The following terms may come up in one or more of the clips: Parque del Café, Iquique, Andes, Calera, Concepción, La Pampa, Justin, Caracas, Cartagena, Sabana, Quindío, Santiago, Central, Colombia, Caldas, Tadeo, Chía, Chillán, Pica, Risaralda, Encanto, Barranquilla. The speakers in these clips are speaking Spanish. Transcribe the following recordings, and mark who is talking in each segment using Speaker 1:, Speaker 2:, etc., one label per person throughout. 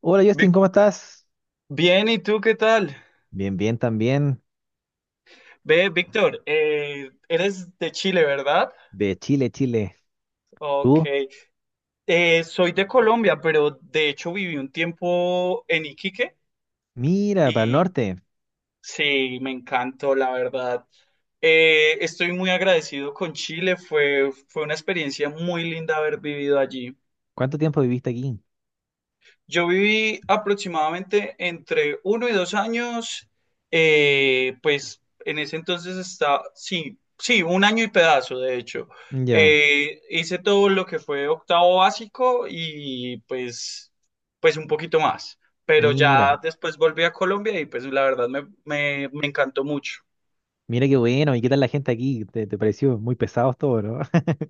Speaker 1: Hola Justin,
Speaker 2: Vic-
Speaker 1: ¿cómo estás?
Speaker 2: Bien, ¿y tú qué tal?
Speaker 1: Bien, bien también.
Speaker 2: Ve, Víctor, eres de Chile, ¿verdad?
Speaker 1: De Chile, Chile.
Speaker 2: Ok.
Speaker 1: ¿Tú?
Speaker 2: Soy de Colombia, pero de hecho viví un tiempo en Iquique
Speaker 1: Mira, para el
Speaker 2: y
Speaker 1: norte.
Speaker 2: sí, me encantó, la verdad. Estoy muy agradecido con Chile, fue una experiencia muy linda haber vivido allí.
Speaker 1: ¿Cuánto tiempo viviste aquí?
Speaker 2: Yo viví aproximadamente entre uno y dos años, pues en ese entonces está, sí, un año y pedazo, de hecho.
Speaker 1: Ya,
Speaker 2: Hice todo lo que fue octavo básico y pues, pues un poquito más, pero ya
Speaker 1: mira.
Speaker 2: después volví a Colombia y pues la verdad me encantó mucho.
Speaker 1: Mira qué bueno. ¿Y qué tal la gente aquí? ¿Te pareció muy pesado todo, no?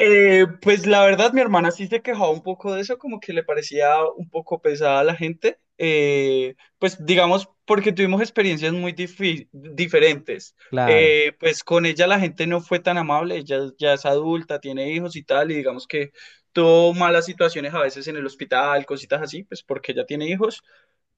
Speaker 2: Pues la verdad, mi hermana sí se quejaba un poco de eso, como que le parecía un poco pesada a la gente. Pues digamos, porque tuvimos experiencias muy diferentes.
Speaker 1: Claro.
Speaker 2: Pues con ella la gente no fue tan amable, ella ya es adulta, tiene hijos y tal, y digamos que tuvo malas situaciones a veces en el hospital, cositas así, pues porque ella tiene hijos.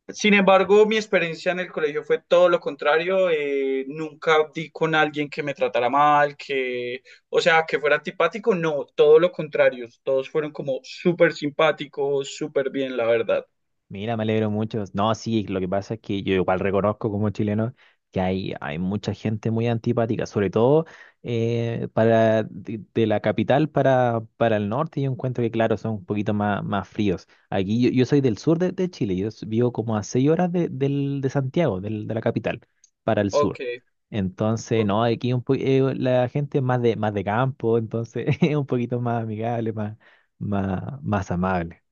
Speaker 2: Sin embargo, mi experiencia en el colegio fue todo lo contrario. Nunca di con alguien que me tratara mal, que, o sea, que fuera antipático. No, todo lo contrario. Todos fueron como súper simpáticos, súper bien, la verdad.
Speaker 1: Mira, me alegro mucho. No, sí, lo que pasa es que yo igual reconozco como chileno que hay mucha gente muy antipática, sobre todo para de la capital para el norte. Yo encuentro que, claro, son un poquito más, más fríos. Aquí yo, yo soy del sur de Chile, vivo como a seis horas de Santiago, de la capital, para el sur.
Speaker 2: Ok.
Speaker 1: Entonces,
Speaker 2: o-
Speaker 1: no, aquí la gente es más de campo, entonces es un poquito más amigable, más, más, más amable.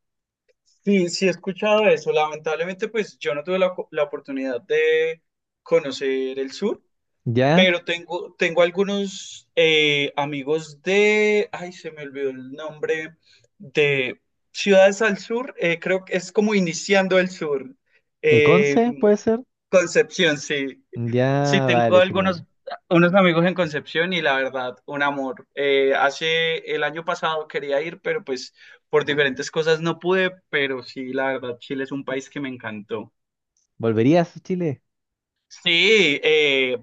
Speaker 2: Sí, sí he escuchado eso. Lamentablemente, pues yo no tuve la oportunidad de conocer el sur.
Speaker 1: ¿Ya?
Speaker 2: Pero tengo algunos amigos de, ay, se me olvidó el nombre, de Ciudades al Sur, creo que es como iniciando el sur, eh,
Speaker 1: Conce puede ser?
Speaker 2: Concepción, sí. Sí,
Speaker 1: Ya,
Speaker 2: tengo
Speaker 1: vale, genial.
Speaker 2: algunos unos amigos en Concepción y la verdad, un amor. Hace el año pasado quería ir, pero pues por diferentes cosas no pude, pero sí, la verdad, Chile es un país que me encantó.
Speaker 1: ¿Volverías a Chile?
Speaker 2: Sí,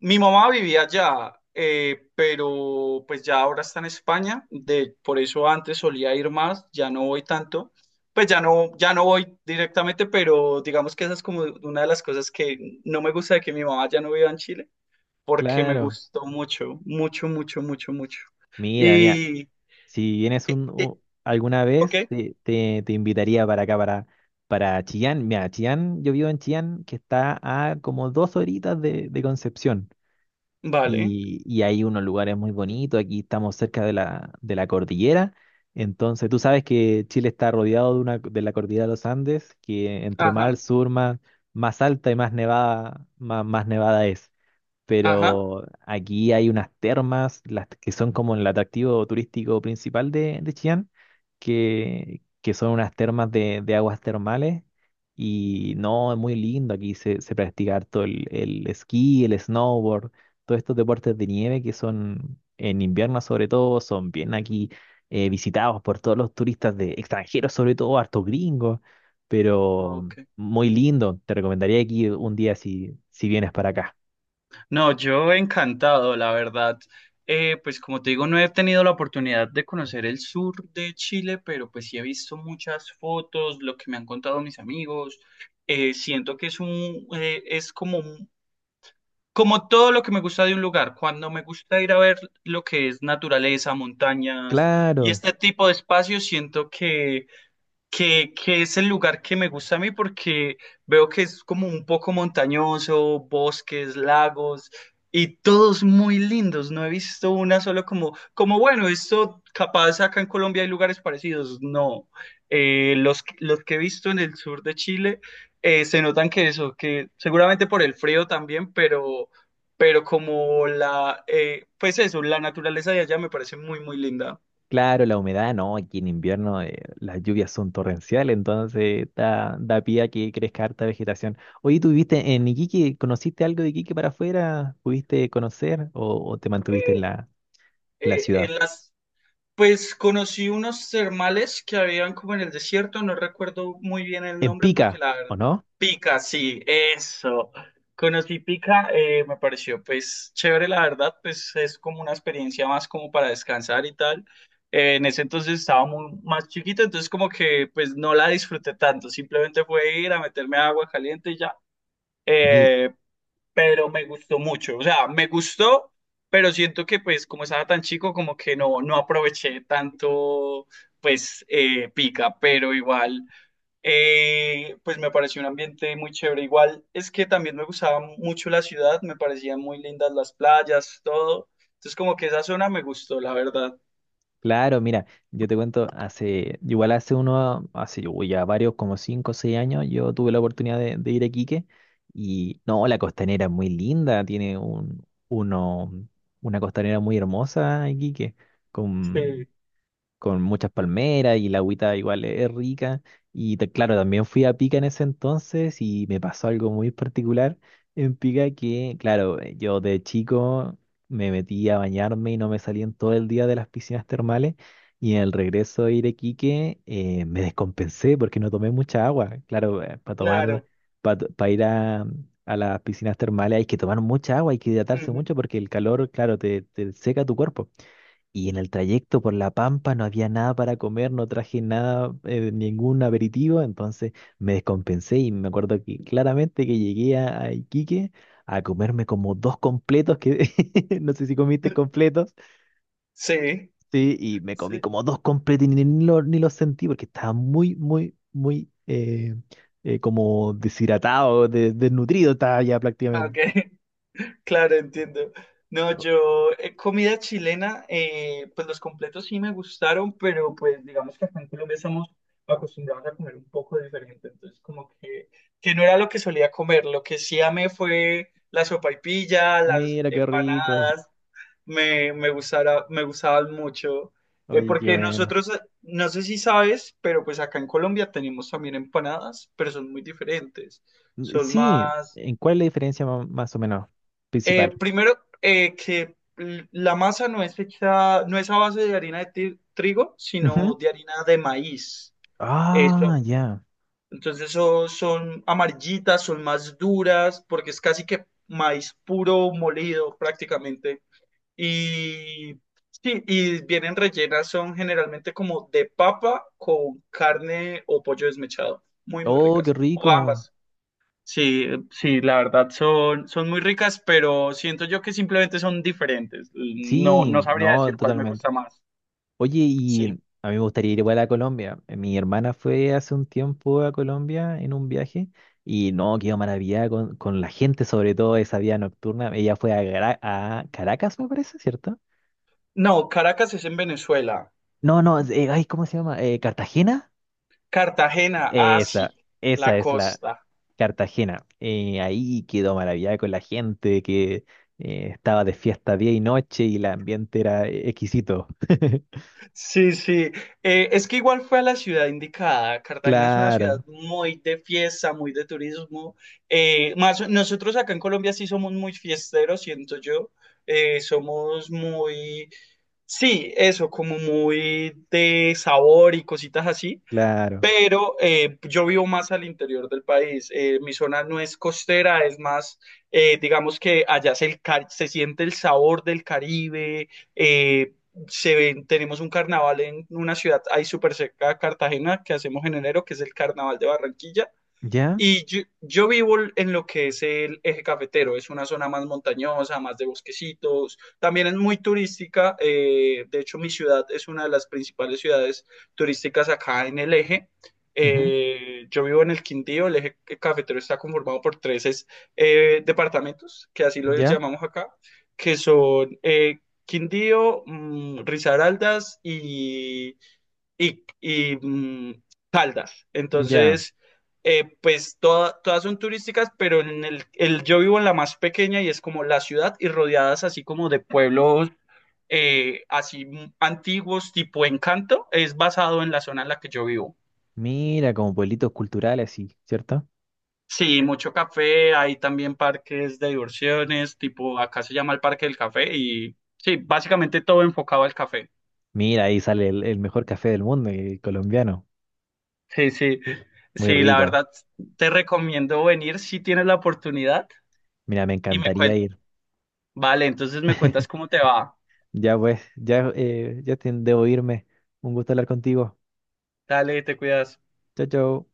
Speaker 2: mi mamá vivía allá, pero pues ya ahora está en España, de, por eso antes solía ir más, ya no voy tanto, pues ya no, ya no voy directamente, pero digamos que esa es como una de las cosas que no me gusta de que mi mamá ya no viva en Chile, porque me
Speaker 1: Claro.
Speaker 2: gustó mucho, mucho, mucho, mucho, mucho.
Speaker 1: Mira, mira,
Speaker 2: Y,
Speaker 1: si vienes
Speaker 2: y-
Speaker 1: alguna
Speaker 2: ok,
Speaker 1: vez, te invitaría para acá, para Chillán. Mira, Chillán, yo vivo en Chillán, que está a como dos horitas de Concepción.
Speaker 2: vale,
Speaker 1: Y hay unos lugares muy bonitos. Aquí estamos cerca de la cordillera. Entonces, tú sabes que Chile está rodeado de, una, de la cordillera de los Andes, que entre más al
Speaker 2: ajá,
Speaker 1: sur, más, más alta y más nevada, más, más nevada es.
Speaker 2: ajá,
Speaker 1: Pero aquí hay unas termas, las que son como el atractivo turístico principal de Chillán, que son unas termas de aguas termales, y no, es muy lindo, aquí se, se practica harto el esquí, el snowboard, todos estos deportes de nieve que son en invierno sobre todo, son bien aquí visitados por todos los turistas de extranjeros, sobre todo hartos gringos, pero
Speaker 2: ok.
Speaker 1: muy lindo, te recomendaría aquí un día si, si vienes para acá.
Speaker 2: No, yo encantado, la verdad. Pues como te digo, no he tenido la oportunidad de conocer el sur de Chile, pero pues sí he visto muchas fotos, lo que me han contado mis amigos. Siento que es un, es como, como todo lo que me gusta de un lugar. Cuando me gusta ir a ver lo que es naturaleza, montañas y
Speaker 1: Claro,
Speaker 2: este tipo de espacios, siento que que es el lugar que me gusta a mí porque veo que es como un poco montañoso, bosques, lagos y todos muy lindos. No he visto una solo como, como bueno, esto capaz acá en Colombia hay lugares parecidos. No, los que he visto en el sur de Chile se notan que eso, que seguramente por el frío también, pero como la, pues eso, la naturaleza de allá me parece muy, muy linda.
Speaker 1: claro, la humedad, no, aquí en invierno las lluvias son torrenciales, entonces da, da pie a que crezca harta vegetación. Oye, ¿tú viviste en Iquique? ¿Conociste algo de Iquique para afuera? ¿Pudiste conocer o te mantuviste en
Speaker 2: Eh,
Speaker 1: la, la ciudad?
Speaker 2: en las pues conocí unos termales que habían como en el desierto, no recuerdo muy bien el
Speaker 1: En
Speaker 2: nombre porque
Speaker 1: Pica,
Speaker 2: la
Speaker 1: ¿o
Speaker 2: verdad.
Speaker 1: no?
Speaker 2: Pica, sí, eso. Conocí Pica, me pareció pues chévere, la verdad, pues es como una experiencia más como para descansar y tal. En ese entonces estaba muy, más chiquito, entonces como que pues no la disfruté tanto, simplemente fue ir a meterme agua caliente y ya. Eh, pero me gustó mucho. O sea, me gustó, pero siento que pues como estaba tan chico, como que no, no aproveché tanto pues pica, pero igual pues me pareció un ambiente muy chévere. Igual es que también me gustaba mucho la ciudad, me parecían muy lindas las playas, todo. Entonces como que esa zona me gustó, la verdad.
Speaker 1: Claro, mira, yo te cuento, hace, igual hace uno, hace uy, ya varios, como cinco o seis años, yo tuve la oportunidad de ir a Quique y no, la costanera es muy linda, tiene un, uno, una costanera muy hermosa en Quique,
Speaker 2: Sí,
Speaker 1: con, con muchas palmeras y la agüita igual es rica. Claro, también fui a Pica en ese entonces y me pasó algo muy particular en Pica que, claro, yo de chico me metí a bañarme y no me salí en todo el día de las piscinas termales. Y en el regreso de Iquique me descompensé porque no tomé mucha agua. Claro, para tomar,
Speaker 2: claro.
Speaker 1: para ir a las piscinas termales hay que tomar mucha agua, hay que hidratarse
Speaker 2: Ujú.
Speaker 1: mucho porque el calor, claro, te seca tu cuerpo. Y en el trayecto por La Pampa no había nada para comer, no traje nada, ningún aperitivo, entonces me descompensé y me acuerdo que claramente que llegué a Iquique a comerme como dos completos, que no sé si comiste completos,
Speaker 2: Sí,
Speaker 1: sí, y me comí
Speaker 2: sí.
Speaker 1: como dos completos y ni, ni los sentí porque estaba muy, muy, muy como deshidratado, desnutrido estaba ya prácticamente.
Speaker 2: Ok. Claro, entiendo. No,
Speaker 1: Oh,
Speaker 2: yo, comida chilena, pues los completos sí me gustaron, pero pues digamos que acá en Colombia estamos acostumbrados a comer un poco diferente, entonces como que no era lo que solía comer, lo que sí amé fue la sopaipilla, las
Speaker 1: mira qué rico,
Speaker 2: empanadas, me gustaban mucho,
Speaker 1: oye, qué
Speaker 2: porque
Speaker 1: bueno.
Speaker 2: nosotros, no sé si sabes, pero pues acá en Colombia tenemos también empanadas, pero son muy diferentes, son
Speaker 1: Sí,
Speaker 2: más
Speaker 1: ¿en cuál es la diferencia más o menos principal?
Speaker 2: primero, que la masa no es hecha, no es a base de harina de trigo,
Speaker 1: Ujú.
Speaker 2: sino de harina de maíz.
Speaker 1: Ah,
Speaker 2: Eso,
Speaker 1: ya.
Speaker 2: entonces eso son amarillitas, son más duras, porque es casi que maíz puro molido prácticamente. Y sí, y vienen rellenas, son generalmente como de papa con carne o pollo desmechado. Muy, muy
Speaker 1: Oh, qué
Speaker 2: ricas. O
Speaker 1: rico.
Speaker 2: ambas. Sí, sí, la verdad son, son muy ricas, pero siento yo que simplemente son diferentes. No,
Speaker 1: Sí,
Speaker 2: no sabría
Speaker 1: no,
Speaker 2: decir cuál me
Speaker 1: totalmente.
Speaker 2: gusta más.
Speaker 1: Oye, y a
Speaker 2: Sí.
Speaker 1: mí me gustaría ir igual a Colombia. Mi hermana fue hace un tiempo a Colombia en un viaje y no, quedó maravillada con la gente, sobre todo esa vida nocturna. Ella fue a, a Caracas, me parece, ¿cierto?
Speaker 2: No, Caracas es en Venezuela.
Speaker 1: No, no, ¿cómo se llama? ¿Cartagena?
Speaker 2: Cartagena, ah, sí,
Speaker 1: Esa, esa
Speaker 2: la
Speaker 1: es la,
Speaker 2: costa.
Speaker 1: Cartagena. Ahí quedó maravillada con la gente que estaba de fiesta día y noche y el ambiente era exquisito.
Speaker 2: Sí, sí. Es que igual fue a la ciudad indicada. Cartagena es una ciudad
Speaker 1: Claro,
Speaker 2: muy de fiesta, muy de turismo. Más, nosotros acá en Colombia sí somos muy fiesteros, siento yo. Somos muy sí, eso, como muy de sabor y cositas así,
Speaker 1: claro.
Speaker 2: pero yo vivo más al interior del país. Mi zona no es costera, es más, digamos que allá se, el se siente el sabor del Caribe. eh, Se ven, tenemos un carnaval en una ciudad ahí súper cerca de Cartagena que hacemos en enero, que es el Carnaval de Barranquilla.
Speaker 1: ¿Ya?
Speaker 2: Y yo vivo en lo que es el eje cafetero, es una zona más montañosa, más de bosquecitos, también es muy turística, de hecho mi ciudad es una de las principales ciudades turísticas acá en el eje.
Speaker 1: Ujú.
Speaker 2: Yo vivo en el Quindío, el eje cafetero está conformado por tres departamentos, que así los
Speaker 1: ¿Ya?
Speaker 2: llamamos acá, que son Quindío, Risaraldas y, y, mm, Caldas.
Speaker 1: ¿Ya?
Speaker 2: Entonces, pues todas son turísticas, pero en yo vivo en la más pequeña y es como la ciudad y rodeadas así como de pueblos así antiguos, tipo Encanto, es basado en la zona en la que yo vivo.
Speaker 1: Mira, como pueblitos culturales, sí, ¿cierto?
Speaker 2: Sí, mucho café, hay también parques de diversiones, tipo acá se llama el Parque del Café y sí, básicamente todo enfocado al café.
Speaker 1: Mira, ahí sale el mejor café del mundo, el colombiano.
Speaker 2: Sí, sí,
Speaker 1: Muy
Speaker 2: sí, la
Speaker 1: rico.
Speaker 2: verdad te recomiendo venir si tienes la oportunidad.
Speaker 1: Mira, me
Speaker 2: Y me
Speaker 1: encantaría
Speaker 2: cuentas,
Speaker 1: ir.
Speaker 2: vale, entonces me cuentas cómo te va.
Speaker 1: Ya pues, ya, ya debo irme. Un gusto hablar contigo.
Speaker 2: Dale, te cuidas.
Speaker 1: Chao, chao.